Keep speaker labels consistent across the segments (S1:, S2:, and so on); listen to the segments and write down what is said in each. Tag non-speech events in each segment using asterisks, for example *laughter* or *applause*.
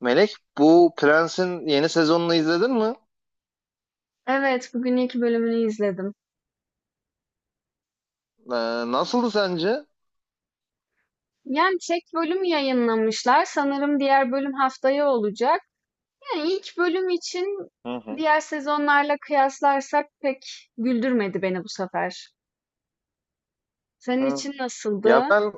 S1: Melek, bu Prens'in yeni sezonunu izledin mi?
S2: Evet, bugün ilk bölümünü izledim.
S1: Ee, nasıldı sence?
S2: Yani tek bölüm yayınlamışlar. Sanırım diğer bölüm haftaya olacak. Yani ilk bölüm için
S1: Hı hı.
S2: diğer sezonlarla kıyaslarsak pek güldürmedi beni bu sefer. Senin
S1: Hı.
S2: için
S1: Ya
S2: nasıldı?
S1: ben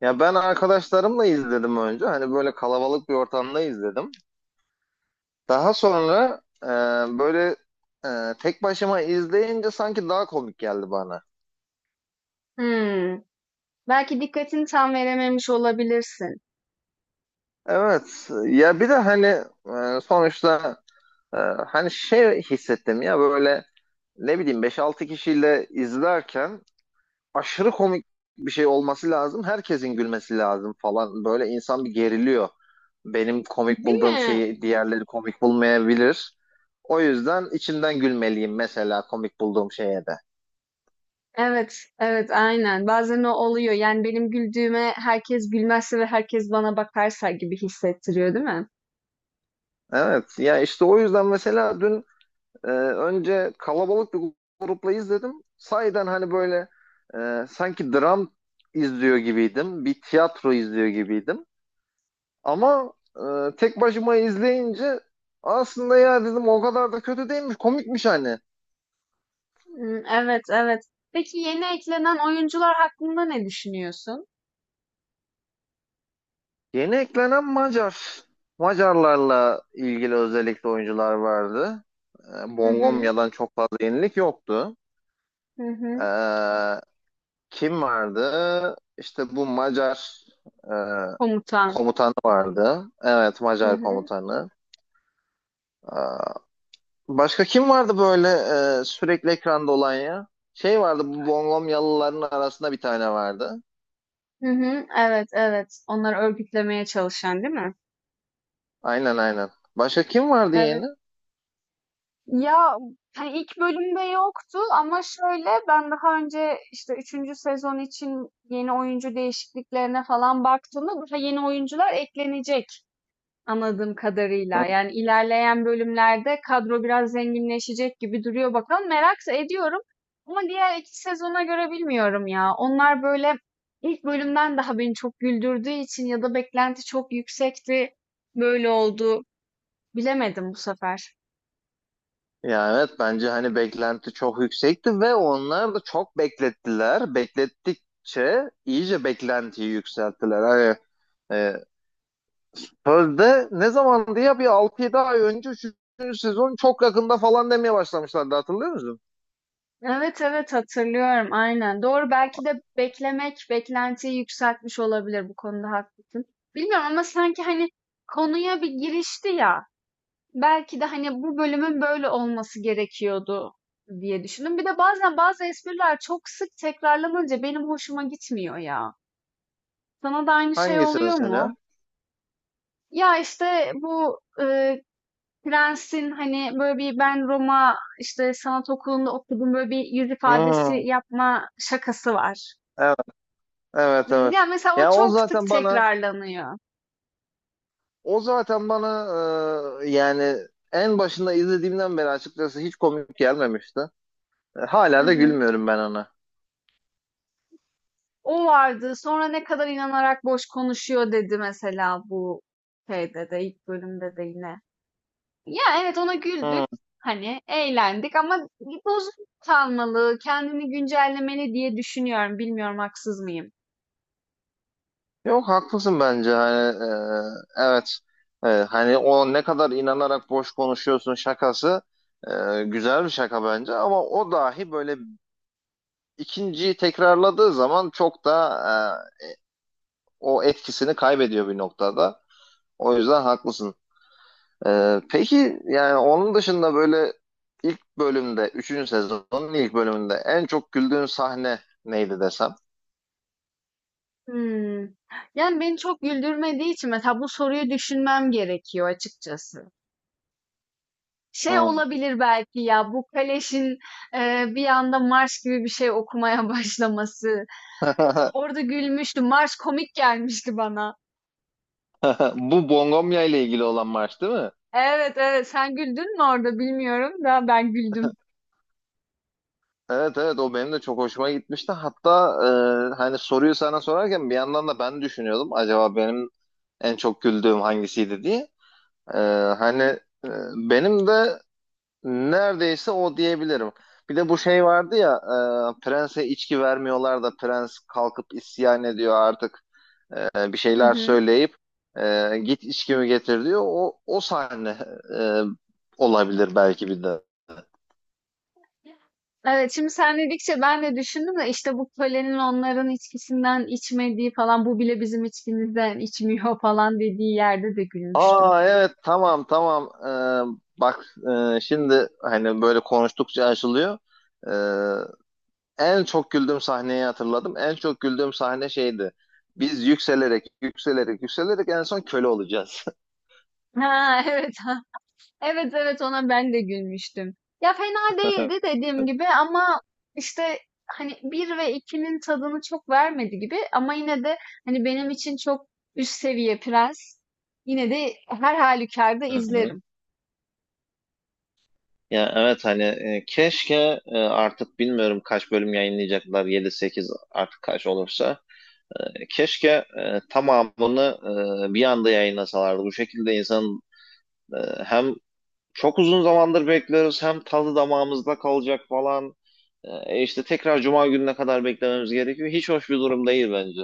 S1: ya ben arkadaşlarımla izledim önce. Hani böyle kalabalık bir ortamda izledim. Daha sonra böyle tek başıma izleyince sanki daha komik geldi bana.
S2: Hmm. Belki dikkatini tam verememiş olabilirsin.
S1: Evet. Ya bir de hani sonuçta e, hani şey hissettim ya böyle ne bileyim beş altı kişiyle izlerken aşırı komik bir şey olması lazım. Herkesin gülmesi lazım falan. Böyle insan bir geriliyor. Benim komik
S2: Değil
S1: bulduğum
S2: mi?
S1: şeyi diğerleri komik bulmayabilir. O yüzden içimden gülmeliyim mesela komik bulduğum şeye de.
S2: Evet, evet, aynen. Bazen o oluyor. Yani benim güldüğüme herkes gülmezse ve herkes bana bakarsa gibi hissettiriyor, değil mi?
S1: Evet ya işte o yüzden mesela dün önce kalabalık bir grupla izledim. Sahiden hani böyle sanki dram izliyor gibiydim. Bir tiyatro izliyor gibiydim. Ama tek başıma izleyince aslında ya dedim o kadar da kötü değilmiş, komikmiş hani.
S2: Hımm, evet, evet. Peki yeni eklenen oyuncular hakkında ne düşünüyorsun?
S1: Yeni eklenen Macar. Macarlarla ilgili özellikle oyuncular vardı.
S2: Hı hı.
S1: Bongomya'dan çok fazla yenilik yoktu.
S2: Hı hı.
S1: E, kim vardı? İşte bu Macar e,
S2: Komutan.
S1: komutanı vardı. Evet,
S2: Hı
S1: Macar
S2: hı.
S1: komutanı. E, başka kim vardı böyle sürekli ekranda olan ya? Şey vardı, bu Bongomyalıların arasında bir tane vardı.
S2: Hı hı. Evet, evet. Onları örgütlemeye çalışan, değil mi?
S1: Aynen, aynen. Başka kim vardı
S2: Evet.
S1: yeni?
S2: Ya, hani, ilk bölümde yoktu ama şöyle, ben daha önce, işte, üçüncü sezon için yeni oyuncu değişikliklerine falan baktığımda daha yeni oyuncular eklenecek. Anladığım
S1: Hı.
S2: kadarıyla. Yani ilerleyen bölümlerde kadro biraz zenginleşecek gibi duruyor bakalım. Merak ediyorum. Ama diğer iki sezona göre bilmiyorum ya. Onlar böyle ilk bölümden daha beni çok güldürdüğü için ya da beklenti çok yüksekti. Böyle oldu. Bilemedim bu sefer.
S1: Ya, evet, bence hani beklenti çok yüksekti ve onlar da çok beklettiler. Beklettikçe iyice beklentiyi yükselttiler. Hani e, sözde ne zamandı ya, bir 6-7 ay önce 3. sezon çok yakında falan demeye başlamışlardı, hatırlıyor musun?
S2: Evet evet hatırlıyorum aynen. Doğru belki de beklemek beklentiyi yükseltmiş olabilir bu konuda haklısın. Bilmiyorum ama sanki hani konuya bir girişti ya. Belki de hani bu bölümün böyle olması gerekiyordu diye düşündüm. Bir de bazen bazı espriler çok sık tekrarlanınca benim hoşuma gitmiyor ya. Sana da aynı şey
S1: Hangisi
S2: oluyor mu?
S1: mesela?
S2: Ya işte bu prensin hani böyle bir ben Roma işte sanat okulunda okudum böyle bir yüz ifadesi
S1: Hmm,
S2: yapma şakası var.
S1: evet, evet,
S2: Hmm,
S1: evet.
S2: ya mesela o
S1: Ya, o
S2: çok sık
S1: zaten bana
S2: tekrarlanıyor.
S1: o zaten bana yani en başında izlediğimden beri açıkçası hiç komik gelmemişti.
S2: Hı
S1: Hala da
S2: hı.
S1: gülmüyorum ben ona.
S2: O vardı. Sonra ne kadar inanarak boş konuşuyor dedi mesela bu şeyde de ilk bölümde de yine. Ya evet ona
S1: Hmm.
S2: güldük. Hani eğlendik ama bozuk kalmalı, kendini güncellemeli diye düşünüyorum. Bilmiyorum haksız mıyım?
S1: Yok, haklısın bence, hani evet. Hani o ne kadar inanarak boş konuşuyorsun şakası güzel bir şaka bence, ama o dahi böyle ikinciyi tekrarladığı zaman çok da o etkisini kaybediyor bir noktada. O yüzden haklısın. Peki yani onun dışında böyle ilk bölümde, üçüncü sezonun ilk bölümünde en çok güldüğün sahne neydi desem?
S2: Hmm. Yani beni çok güldürmediği için mesela bu soruyu düşünmem gerekiyor açıkçası. Şey
S1: Hmm.
S2: olabilir belki ya bu Kaleş'in bir anda marş gibi bir şey okumaya *laughs* başlaması.
S1: *laughs*
S2: Orada gülmüştüm. Marş komik gelmişti bana.
S1: *laughs* Bu Bongonya ile ilgili olan maç değil mi?
S2: Evet evet sen güldün mü orada bilmiyorum da ben güldüm.
S1: Evet, evet, o benim de çok hoşuma gitmişti. Hatta hani soruyu sana sorarken bir yandan da ben düşünüyordum. Acaba benim en çok güldüğüm hangisiydi diye. E, Hani e, benim de neredeyse o diyebilirim. Bir de bu şey vardı ya, prense içki vermiyorlar da prens kalkıp isyan ediyor artık, bir
S2: Hı
S1: şeyler
S2: hı.
S1: söyleyip git içkimi getir diyor. O sahne e, olabilir belki bir de.
S2: Evet, şimdi sen dedikçe ben de düşündüm de işte bu kölenin onların içkisinden içmediği falan bu bile bizim içkimizden içmiyor *laughs* falan dediği yerde de gülmüştüm.
S1: Aa, evet, tamam, tamam. Bak, şimdi hani böyle konuştukça açılıyor. Ee, en çok güldüğüm sahneyi hatırladım. En çok güldüğüm sahne şeydi. Biz yükselerek yükselerek yükselerek en son köle olacağız.
S2: Ha evet *laughs* ha. Evet evet ona ben de gülmüştüm. Ya fena değildi
S1: *laughs*
S2: dediğim gibi ama işte hani bir ve ikinin tadını çok vermedi gibi ama yine de hani benim için çok üst seviye prens. Yine de her halükarda
S1: Hı hı.
S2: izlerim.
S1: Ya, evet, hani keşke artık bilmiyorum kaç bölüm yayınlayacaklar, yedi sekiz, artık kaç olursa. Keşke tamamını bir anda yayınlasalardı. Bu şekilde insan e, hem çok uzun zamandır bekliyoruz. Hem tadı damağımızda kalacak falan. E, işte tekrar cuma gününe kadar beklememiz gerekiyor. Hiç hoş bir durum değil bence.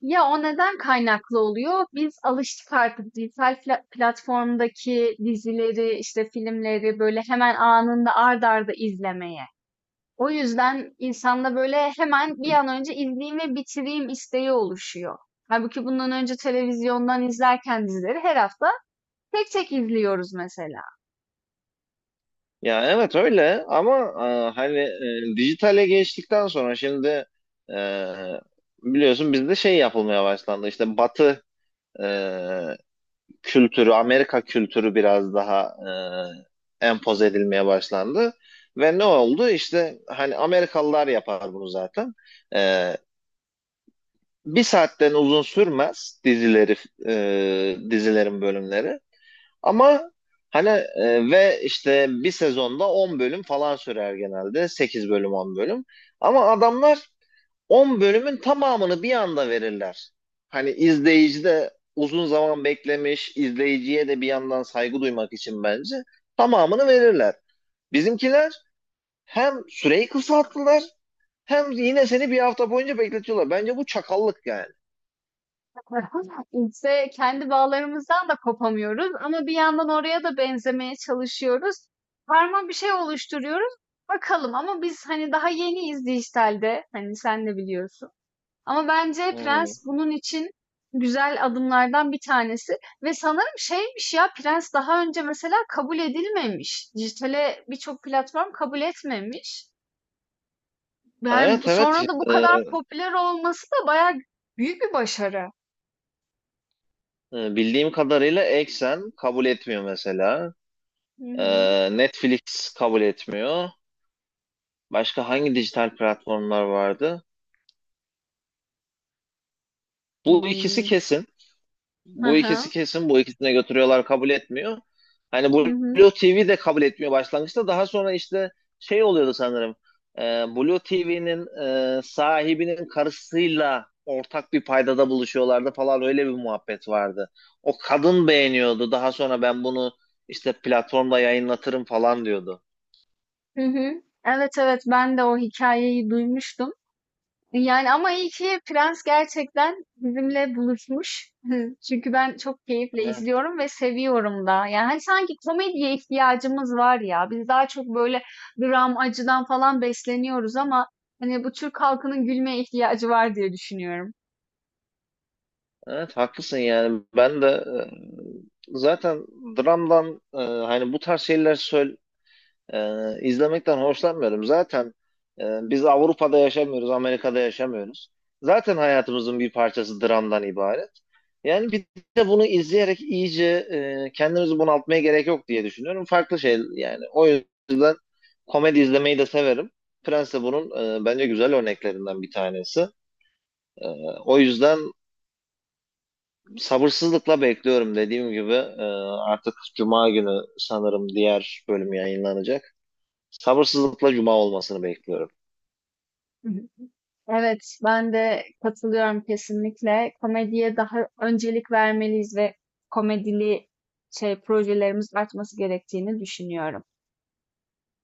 S2: Ya o neden kaynaklı oluyor? Biz alıştık artık dijital platformdaki dizileri, işte filmleri böyle hemen anında ard arda izlemeye. O yüzden insanda böyle hemen bir an önce izleyeyim ve bitireyim isteği oluşuyor. Halbuki bundan önce televizyondan izlerken dizileri her hafta tek tek izliyoruz mesela.
S1: Ya, evet öyle, ama hani dijitale geçtikten sonra şimdi e, biliyorsun bizde şey yapılmaya başlandı. İşte Batı e, kültürü, Amerika kültürü biraz daha empoze edilmeye başlandı. Ve ne oldu? İşte hani Amerikalılar yapar bunu zaten. E, bir saatten uzun sürmez dizileri, dizilerin bölümleri, ama hani ve işte bir sezonda 10 bölüm falan sürer genelde, 8 bölüm, 10 bölüm, ama adamlar 10 bölümün tamamını bir anda verirler. Hani izleyici de, uzun zaman beklemiş izleyiciye de bir yandan saygı duymak için bence tamamını verirler. Bizimkiler hem süreyi kısalttılar, hem yine seni bir hafta boyunca bekletiyorlar. Bence bu çakallık yani.
S2: *laughs* İşte kendi bağlarımızdan da kopamıyoruz ama bir yandan oraya da benzemeye çalışıyoruz. Karma bir şey oluşturuyoruz. Bakalım ama biz hani daha yeniyiz dijitalde. Hani sen de biliyorsun. Ama
S1: Hı
S2: bence
S1: hı.
S2: Prens bunun için güzel adımlardan bir tanesi. Ve sanırım şeymiş ya Prens daha önce mesela kabul edilmemiş. Dijitale birçok platform kabul etmemiş. Yani
S1: Evet, evet.
S2: sonra da bu
S1: Ee,
S2: kadar popüler olması da bayağı büyük bir başarı.
S1: e, bildiğim kadarıyla Exxen kabul etmiyor mesela.
S2: Hı hı.
S1: Netflix kabul etmiyor. Başka hangi dijital platformlar vardı? Bu ikisi
S2: Hmm.
S1: kesin.
S2: Hı
S1: Bu ikisi
S2: hı.
S1: kesin, bu ikisine götürüyorlar, kabul etmiyor. Hani
S2: Hı hı.
S1: Blue TV de kabul etmiyor başlangıçta. Daha sonra işte şey oluyordu sanırım. E, Blue TV'nin sahibinin karısıyla ortak bir paydada buluşuyorlardı falan, öyle bir muhabbet vardı. O kadın beğeniyordu. Daha sonra ben bunu işte platformda yayınlatırım falan diyordu.
S2: Hı hı. Evet evet ben de o hikayeyi duymuştum. Yani ama iyi ki Prens gerçekten bizimle buluşmuş. Hı. Çünkü ben çok keyifle
S1: Evet,
S2: izliyorum ve seviyorum da. Yani hani sanki komediye ihtiyacımız var ya. Biz daha çok böyle dram, acıdan falan besleniyoruz ama hani bu Türk halkının gülmeye ihtiyacı var diye düşünüyorum.
S1: evet, haklısın yani. Ben de zaten dramdan, hani bu tarz şeyler söyle, izlemekten hoşlanmıyorum. Zaten biz Avrupa'da yaşamıyoruz, Amerika'da yaşamıyoruz. Zaten hayatımızın bir parçası dramdan ibaret. Yani bir de bunu izleyerek iyice kendimizi bunaltmaya gerek yok diye düşünüyorum. Farklı şey yani. O yüzden komedi izlemeyi de severim. Prens de bunun bence güzel örneklerinden bir tanesi. E, o yüzden sabırsızlıkla bekliyorum, dediğim gibi. Artık Cuma günü sanırım diğer bölüm yayınlanacak. Sabırsızlıkla cuma olmasını bekliyorum.
S2: *laughs* Evet, ben de katılıyorum kesinlikle. Komediye daha öncelik vermeliyiz ve komedili şey projelerimiz artması gerektiğini düşünüyorum.